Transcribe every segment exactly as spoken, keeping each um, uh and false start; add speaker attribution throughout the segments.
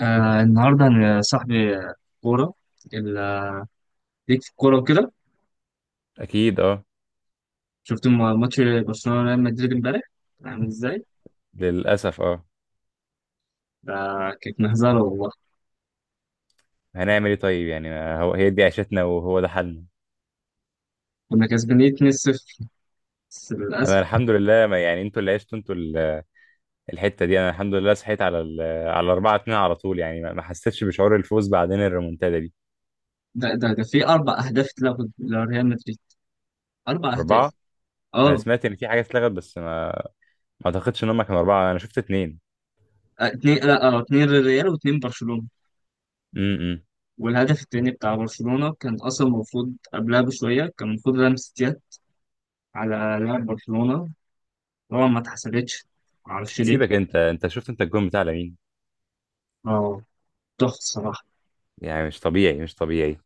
Speaker 1: آه النهارده انا صاحبي آه، كوره ال- آه، ليك في الكوره وكده؟
Speaker 2: اكيد اه.
Speaker 1: شفت م- ماتش برشلونه وريال مدريد امبارح، عامل ازاي؟
Speaker 2: للاسف اه.
Speaker 1: ده كانت مهزله والله.
Speaker 2: هنعمل ايه طيب؟ يعني ما هو هي دي عيشتنا وهو ده حالنا.
Speaker 1: كنا كسبانين اتنين صفر بس
Speaker 2: انا
Speaker 1: للاسف.
Speaker 2: الحمد لله، ما يعني، انتوا اللي عشتوا انتوا ال- الحته دي. انا الحمد لله صحيت على ال على أربعة اتنين على طول، يعني ما ما حسيتش بشعور الفوز، بعدين الريمونتادا دي
Speaker 1: ده ده ده في اربع اهداف اتلغوا لريال مدريد، اربع
Speaker 2: اربعه.
Speaker 1: اهداف
Speaker 2: انا
Speaker 1: اه،
Speaker 2: سمعت ان في حاجه اتلغت بس ما ما اعتقدش ان هم كانوا اربعه، انا شفت اتنين.
Speaker 1: آه، اتنين، لا اه، اتنين للريال واتنين برشلونه.
Speaker 2: امم إمم.
Speaker 1: والهدف التاني بتاع برشلونه كان اصلا المفروض قبلها بشويه، كان المفروض لمسه يد على لاعب برشلونه. طبعا ما اتحسبتش، معرفش ليه.
Speaker 2: سيبك انت انت شفت انت الجون بتاع لمين؟
Speaker 1: اه، تحفه الصراحه.
Speaker 2: يعني مش طبيعي، مش طبيعي.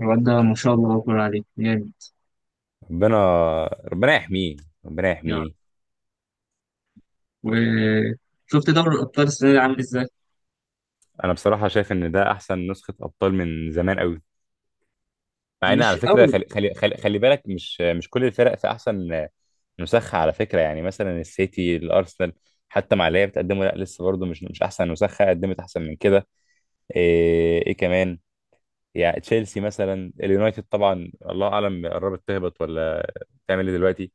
Speaker 1: الواد ده ما شاء الله أكبر عليه جامد.
Speaker 2: ربنا، ربنا يحميه، ربنا
Speaker 1: يعني،
Speaker 2: يحميه.
Speaker 1: وشفت دوري الأبطال السنة دي عامل إزاي؟
Speaker 2: انا بصراحه شايف ان ده احسن نسخه ابطال من زمان قوي، مع ان على
Speaker 1: مش
Speaker 2: فكره
Speaker 1: قوي.
Speaker 2: خلي خلي خلي, خلي بالك، مش مش كل الفرق في احسن نسخه على فكره. يعني مثلا السيتي، الارسنال حتى مع اللي هي بتقدمه، لا لسه برضه مش مش احسن نسخه، قدمت احسن من كده. ايه, إيه كمان؟ يعني تشيلسي مثلا، اليونايتد طبعا الله اعلم قربت تهبط ولا تعمل ايه دلوقتي.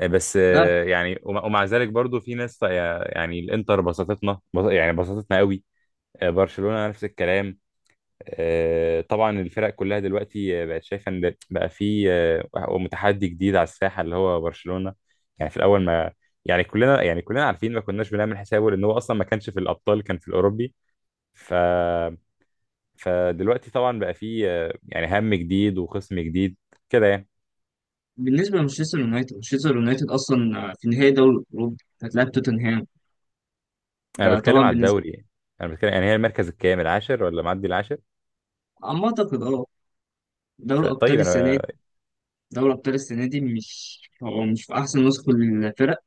Speaker 2: إيه بس
Speaker 1: لا،
Speaker 2: آه، يعني ومع ومع ذلك برضو في ناس طا- يعني الانتر بسطتنا، بس- يعني بسطتنا قوي. آه، برشلونة نفس الكلام. آه، طبعا الفرق كلها دلوقتي آه، بقت شايفه ان بقى في آه، متحدي جديد على الساحه اللي هو برشلونه. يعني في الاول ما، يعني كلنا، يعني كلنا عارفين ما كناش بنعمل حسابه، لان هو اصلا ما كانش في الابطال، كان في الاوروبي. ف فدلوقتي طبعا بقى في آه، يعني هم جديد وخصم جديد كده يعني.
Speaker 1: بالنسبة لمانشستر يونايتد، مانشستر يونايتد أصلا في نهائي دوري الأوروبي، هتلاعب توتنهام.
Speaker 2: انا
Speaker 1: ده
Speaker 2: بتكلم
Speaker 1: طبعا
Speaker 2: على
Speaker 1: بالنسبة.
Speaker 2: الدوري يعني، انا بتكلم يعني هي المركز الكام؟ العاشر ولا معدي العاشر؟
Speaker 1: أما أعتقد أه دوري
Speaker 2: فطيب
Speaker 1: الأبطال السنة
Speaker 2: انا
Speaker 1: دي، دوري الأبطال السنة دي مش هو مش في أحسن نسخة للفرق.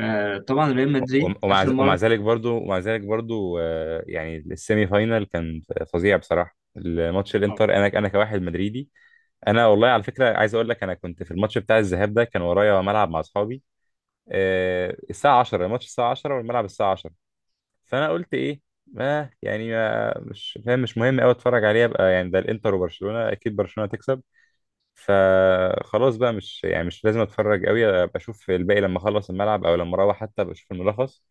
Speaker 1: آه، طبعا ريال مدريد
Speaker 2: ومع
Speaker 1: آخر
Speaker 2: ومع
Speaker 1: مرة.
Speaker 2: ذلك برضو، ومع ذلك برضو آه، يعني السيمي فاينال كان فظيع بصراحه، الماتش
Speaker 1: آه،
Speaker 2: الانتر، انا انا كواحد مدريدي. انا والله على فكره عايز اقول لك، انا كنت في الماتش بتاع الذهاب ده، كان ورايا ملعب مع اصحابي. آه، الساعه عشرة الماتش، الساعه عشرة والملعب الساعه عشرة. فانا قلت ايه، ما يعني ما، مش فاهم، مش مهم قوي اتفرج عليه، ابقى يعني ده الانتر وبرشلونه، اكيد برشلونه تكسب. فخلاص بقى مش، يعني مش لازم اتفرج قوي، ابقى اشوف الباقي لما اخلص الملعب، او لما اروح حتى ابقى اشوف الملخص.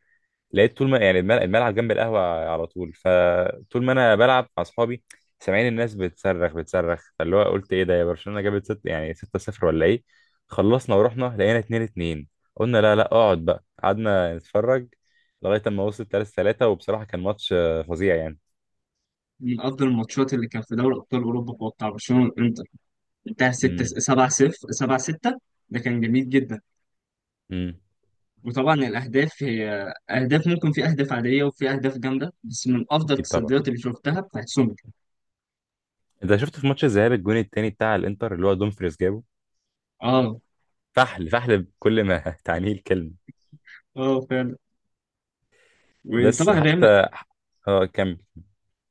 Speaker 2: لقيت طول ما، يعني الملعب, الملعب جنب القهوة على طول، فطول ما أنا بلعب مع أصحابي سامعين الناس بتصرخ بتصرخ، فاللي هو قلت إيه ده؟ يا برشلونة جابت ست يعني ستة صفر ولا إيه؟ خلصنا ورحنا لقينا اتنين اتنين. قلنا لا، لا، اقعد بقى، قعدنا نتفرج لغاية أما وصلت ثلاثة ثلاثة، وبصراحة كان ماتش آه، فظيع يعني.
Speaker 1: من أفضل الماتشات اللي كان في دوري أبطال أوروبا هو بتاع برشلونة والإنتر. انتهى ستة
Speaker 2: امم
Speaker 1: سبعة صفر سبعة ستة. ده كان جميل جدا.
Speaker 2: امم
Speaker 1: وطبعا الأهداف هي أهداف، ممكن في أهداف عادية وفي أهداف جامدة، بس من أفضل
Speaker 2: أكيد طبعا.
Speaker 1: التصديات اللي شفتها بتاعت سومر.
Speaker 2: أنت شفت في ماتش الذهاب الجون التاني بتاع الإنتر اللي هو دومفريز جابه؟
Speaker 1: اه.
Speaker 2: فحل، فحل بكل ما تعنيه الكلمة.
Speaker 1: اه فعلا.
Speaker 2: بس
Speaker 1: وطبعا ريال م-
Speaker 2: حتى، اه كمل.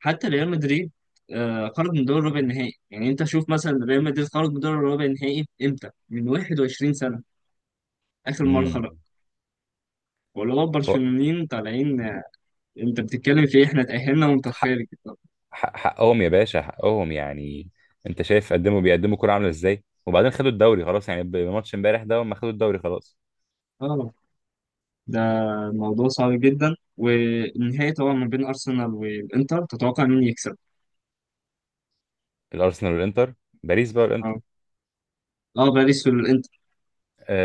Speaker 1: حتى ريال مدريد آه خرج من دور ربع النهائي. يعني أنت شوف مثلا ريال مدريد خرج من دور ربع النهائي إمتى؟ من 21 سنة آخر مرة خرج.
Speaker 2: امم
Speaker 1: واللي هو البرشلونيين طالعين، آه، أنت بتتكلم في إيه؟ إحنا تأهلنا وأنت خارج، طب.
Speaker 2: حق- حقهم يا باشا، حقهم يعني. انت شايف، قدموا بيقدموا كرة عاملة ازاي، وبعدين خدوا الدوري خلاص، يعني بماتش امبارح ده هم خدوا الدوري خلاص.
Speaker 1: اه. ده موضوع صعب جدا. والنهائي طبعا ما بين أرسنال والإنتر، تتوقع مين يكسب؟
Speaker 2: الارسنال والانتر، باريس بقى والانتر.
Speaker 1: اه. اه، باريس والإنتر.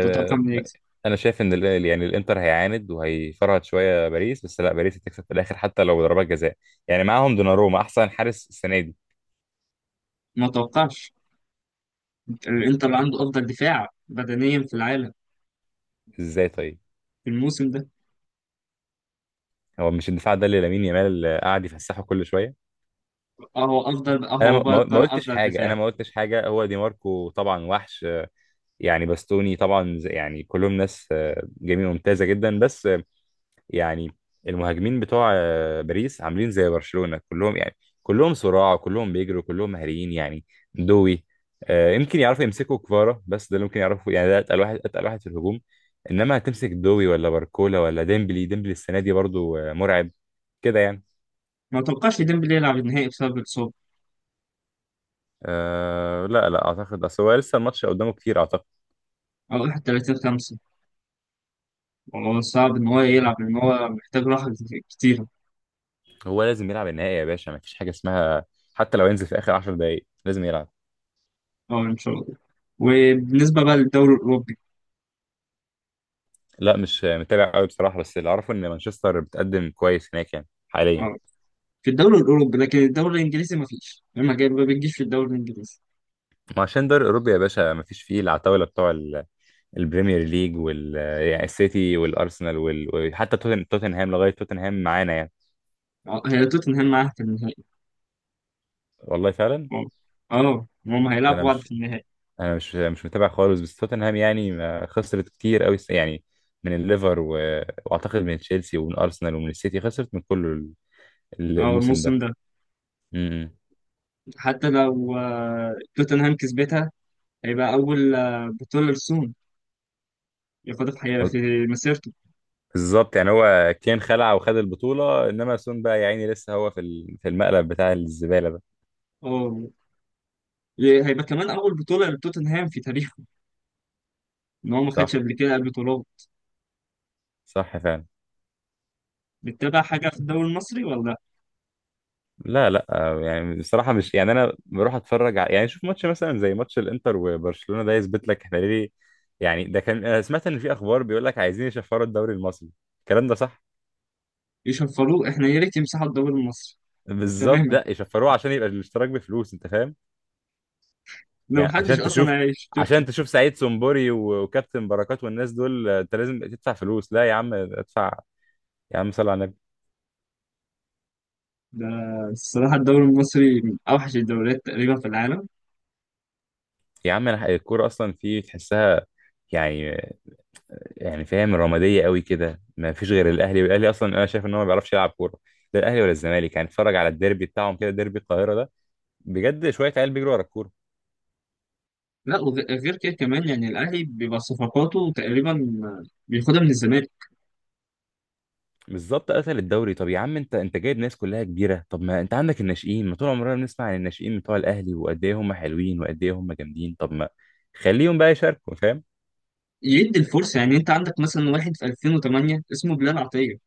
Speaker 1: تتوقع مين يكسب؟
Speaker 2: انا شايف ان ال- يعني الانتر هيعاند وهيفرهد شويه باريس، بس لا باريس هتكسب في الاخر حتى لو ضربات جزاء، يعني معاهم دوناروما احسن حارس السنه دي.
Speaker 1: ما توقعش. الانتر عنده افضل دفاع بدنيا في العالم
Speaker 2: ازاي طيب؟
Speaker 1: في الموسم ده.
Speaker 2: هو مش الدفاع ده اللي لامين يامال قاعد يفسحه كل شويه؟
Speaker 1: اهو افضل،
Speaker 2: انا
Speaker 1: اهو
Speaker 2: ما
Speaker 1: بقى
Speaker 2: ما- ما
Speaker 1: طلع
Speaker 2: قلتش
Speaker 1: افضل
Speaker 2: حاجه، انا
Speaker 1: دفاع.
Speaker 2: ما قلتش حاجه. هو دي ماركو طبعا وحش، يعني باستوني طبعا زي- يعني كلهم ناس آه، جميل، ممتازه جدا، بس آه، يعني المهاجمين بتوع آه، باريس عاملين زي برشلونه كلهم يعني، كلهم صراع، كلهم بيجروا، كلهم مهاريين يعني. دوي، آه، يمكن يعرفوا يمسكوا كفارا، بس ده اللي ممكن يعرفوا، يعني ده اتقل واحد، اتقل واحد في الهجوم. انما هتمسك دوي ولا باركولا ولا ديمبلي؟ ديمبلي السنه دي برضو آه، مرعب كده يعني.
Speaker 1: ما توقعش ديمبلي يلعب النهائي بسبب الاصابه،
Speaker 2: أه لا، لا اعتقد، اصل هو لسه الماتش قدامه كتير اعتقد.
Speaker 1: او الحادي والثلاثين خمسة. والله صعب ان هو يلعب لان هو محتاج راحه كتير.
Speaker 2: هو لازم يلعب النهائي يا باشا، ما فيش حاجه اسمها، حتى لو ينزل في اخر عشر دقايق دقائق لازم يلعب.
Speaker 1: اه ان شاء الله. وبالنسبه بقى للدوري الاوروبي.
Speaker 2: لا مش متابع قوي بصراحة، بس اللي أعرفه إن مانشستر بتقدم كويس هناك يعني حاليا.
Speaker 1: اه، في الدوري الاوروبي. لكن الدوري الانجليزي ما فيش، ما جاي- ما بتجيش في الدوري الانجليزي.
Speaker 2: ما عشان دوري أوروبا يا باشا مفيش فيه العتاولة بتوع ال- البريمير ليج وال يعني السيتي والأرسنال وال... وحتى توتن... توتنهام لغاية توتنهام معانا يعني.
Speaker 1: اه. هي توتنهام معاها في النهائي.
Speaker 2: والله فعلا.
Speaker 1: اه، آه، هم
Speaker 2: ده أنا
Speaker 1: هيلعبوا بعض
Speaker 2: مش
Speaker 1: في النهائي.
Speaker 2: أنا مش مش متابع خالص، بس توتنهام يعني ما خسرت كتير قوي يعني، من الليفر و... وأعتقد من تشيلسي ومن أرسنال ومن السيتي، خسرت من كل ال-
Speaker 1: اه،
Speaker 2: الموسم
Speaker 1: الموسم
Speaker 2: ده.
Speaker 1: ده.
Speaker 2: م-
Speaker 1: حتى لو آه، توتنهام كسبتها، هيبقى أول آه، بطولة لسون ياخدها في
Speaker 2: م.
Speaker 1: حياته في مسيرته.
Speaker 2: بالظبط، يعني هو كان خلع وخد البطولة، انما سون بقى يا عيني لسه هو في ال- في المقلب بتاع الزبالة ده.
Speaker 1: اه، ي- هيبقى كمان أول بطولة لتوتنهام في تاريخه، إن هو ما خدش
Speaker 2: صح،
Speaker 1: قبل كده قبل بطولات.
Speaker 2: صح فعلا.
Speaker 1: بتتابع حاجة في الدوري المصري ولا؟
Speaker 2: لا، لا، آه، يعني بصراحة مش، يعني انا بروح اتفرج على، يعني شوف ماتش مثلا زي ماتش الانتر وبرشلونة، ده يثبت لك احنا ليه يعني. ده كان، انا سمعت ان في اخبار بيقول لك عايزين يشفروا الدوري المصري، الكلام ده صح؟
Speaker 1: يشفروه؟ إحنا يا ريت يمسحوا الدوري المصري.
Speaker 2: بالظبط،
Speaker 1: تماما.
Speaker 2: لا يشفروه عشان يبقى الاشتراك بفلوس، انت فاهم؟
Speaker 1: لو
Speaker 2: يعني
Speaker 1: محدش
Speaker 2: عشان تشوف،
Speaker 1: أصلا هيشترك.
Speaker 2: عشان تشوف سعيد سمبوري و- وكابتن بركات والناس دول آه، انت لازم تدفع فلوس؟ لا يا عم ادفع، يا عم صل على النبي.
Speaker 1: ده الصراحة الدوري المصري من أوحش الدوريات تقريبا في العالم.
Speaker 2: يا عم انا الكوره اصلا في تحسها، يعني يعني فاهم، رماديه قوي كده، ما فيش غير الاهلي، والاهلي اصلا انا شايف ان هو ما بيعرفش يلعب كوره، لا الاهلي ولا الزمالك. يعني اتفرج على الديربي بتاعهم كده، ديربي القاهره ده، بجد شويه عيال بيجروا ورا الكوره.
Speaker 1: لا. وغير كده كمان، يعني الأهلي بيبقى صفقاته تقريبا بياخدها من الزمالك.
Speaker 2: بالظبط، قتل الدوري. طب يا عم انت انت جايب ناس كلها كبيره، طب ما انت عندك الناشئين، ما طول عمرنا بنسمع عن الناشئين بتوع الاهلي وقد ايه هم حلوين وقد ايه هم جامدين، طب ما خليهم بقى يشاركوا، فاهم؟
Speaker 1: يدي الفرصة. يعني انت عندك مثلا واحد في ألفين وثمانية اسمه بلال عطية.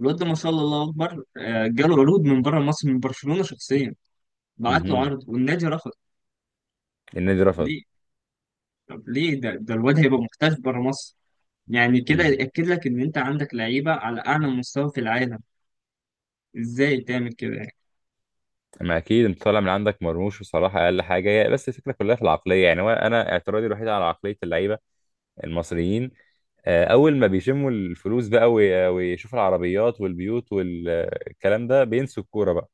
Speaker 1: الواد ده ما شاء الله الله اكبر، آه، جاله عروض من بره مصر من برشلونة شخصيا، بعت له
Speaker 2: مهم.
Speaker 1: عرض والنادي رفض.
Speaker 2: النادي رفض؟
Speaker 1: ليه؟ طب ليه؟ ده ده الواد هيبقى محتاج بره مصر. يعني كده يأكد لك ان انت عندك لعيبة على اعلى مستوى في العالم. ازاي تعمل كده يعني؟
Speaker 2: ما اكيد، انت طالع من عندك مرموش بصراحه، اقل حاجه هي، بس الفكره كلها في العقليه يعني، هو انا اعتراضي الوحيد على عقليه اللعيبه المصريين. آه، اول ما بيشموا الفلوس بقى وي- ويشوفوا العربيات والبيوت والكلام ده، بينسوا الكوره بقى.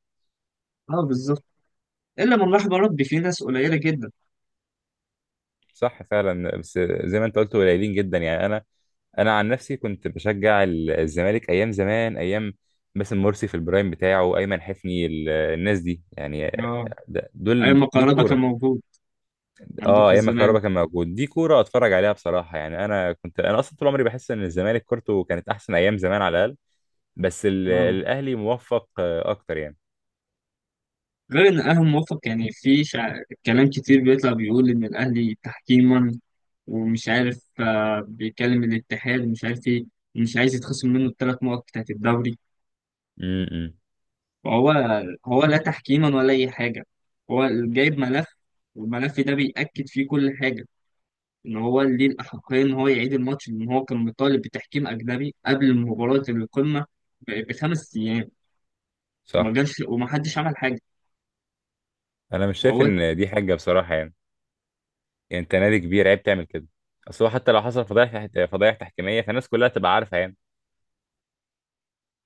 Speaker 1: اه بالظبط. الا من رحم ربي، في ناس قليلة جدا.
Speaker 2: صح فعلا، بس زي ما انت قلت قليلين جدا. يعني انا انا عن نفسي كنت بشجع ال- الزمالك ايام زمان، ايام باسم مرسي في البرايم بتاعه، ايمن حفني، ال- الناس دي يعني،
Speaker 1: اه،
Speaker 2: آه، ده-
Speaker 1: ايام
Speaker 2: دول
Speaker 1: ما
Speaker 2: دي
Speaker 1: كهربا كان
Speaker 2: كوره.
Speaker 1: موجود عندكم
Speaker 2: اه
Speaker 1: في
Speaker 2: ايام ما
Speaker 1: الزمان.
Speaker 2: كهربا كان موجود، دي كوره اتفرج عليها بصراحه. يعني انا كنت، انا اصلا طول عمري بحس ان الزمالك كورته كانت احسن ايام زمان على الاقل، بس ال-
Speaker 1: اه.
Speaker 2: الاهلي موفق آه، اكتر يعني.
Speaker 1: غير ان الاهلي موفق، يعني في شع... كلام كتير بيطلع بيقول ان الاهلي تحكيما، ومش عارف، آه، بيكلم الاتحاد ومش عارف ايه، ومش عايز يتخصم منه الثلاث نقط بتاعت الدوري.
Speaker 2: امم
Speaker 1: فهو هو لا تحكيما ولا اي حاجه. هو جايب ملف، والملف ده بيأكد فيه كل حاجه ان هو ليه الاحقيه ان هو يعيد الماتش، لان هو كان مطالب بتحكيم اجنبي قبل مباراه القمه ب- بخمس ايام،
Speaker 2: صح.
Speaker 1: وما جاش وما حدش عمل حاجه.
Speaker 2: انا مش شايف
Speaker 1: وهو
Speaker 2: ان دي حاجه بصراحه يعني، يعني انت نادي كبير، عيب تعمل كده. اصل هو حتى لو حصل فضايح، فضايح تحكيميه، فالناس كلها تبقى عارفه يعني.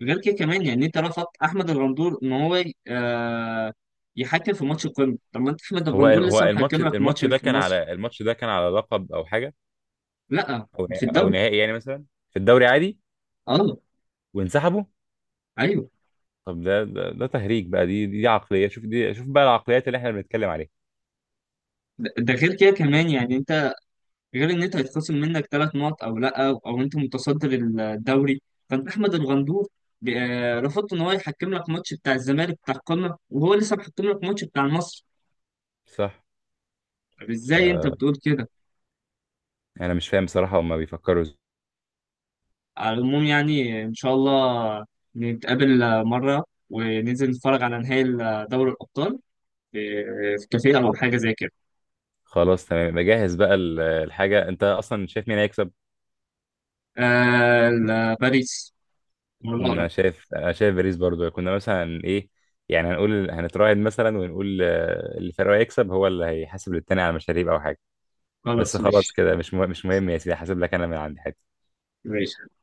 Speaker 1: غير كده كمان، يعني انت رفضت احمد الغندور ان هو ي- آه يحكم في ماتش القمه. طب ما انت احمد
Speaker 2: هو
Speaker 1: الغندور
Speaker 2: هو
Speaker 1: لسه
Speaker 2: الماتش
Speaker 1: محكم لك ماتش
Speaker 2: الماتش ده
Speaker 1: في
Speaker 2: كان
Speaker 1: مصر.
Speaker 2: على، الماتش ده كان على لقب او حاجه،
Speaker 1: لا.
Speaker 2: او
Speaker 1: في
Speaker 2: او
Speaker 1: الدوري.
Speaker 2: نهائي يعني مثلا، في الدوري عادي
Speaker 1: اه
Speaker 2: وانسحبوا؟
Speaker 1: ايوه.
Speaker 2: طب ده، ده, ده تهريج بقى. دي دي عقلية، شوف دي شوف بقى العقليات اللي احنا بنتكلم عليها.
Speaker 1: ده ده غير كده كمان، يعني انت، غير ان انت هيتخصم منك ثلاث نقط او لا، او, أو انت متصدر الدوري. فانت احمد الغندور ب- آه، رفضت ان هو يحكم لك ماتش بتاع الزمالك بتاع القمه، وهو لسه محكم لك ماتش بتاع مصر.
Speaker 2: صح.
Speaker 1: طب
Speaker 2: ف
Speaker 1: ازاي انت بتقول كده؟
Speaker 2: انا مش فاهم بصراحة هما بيفكروا ازاي.
Speaker 1: على العموم، يعني إن شاء الله نتقابل مرة وننزل نتفرج على نهائي دوري الأبطال في في كافيه أو حاجة زي كده.
Speaker 2: خلاص تمام، بجهز بقى ال- الحاجة. انت اصلا شايف مين هيكسب؟
Speaker 1: آه ال- باريس هو
Speaker 2: انا
Speaker 1: الأقرب.
Speaker 2: شايف، انا شايف باريس برضو. كنا مثلا ايه يعني، هنقول هنتراهن مثلا ونقول آه، اللي فريقه هيكسب هو اللي هيحاسب للتاني على مشاريب او حاجة. بس
Speaker 1: خلاص مش
Speaker 2: خلاص
Speaker 1: ماشي.
Speaker 2: كده مش مه- مش مهم يا سيدي، هحاسب لك انا من عندي.
Speaker 1: ماشي.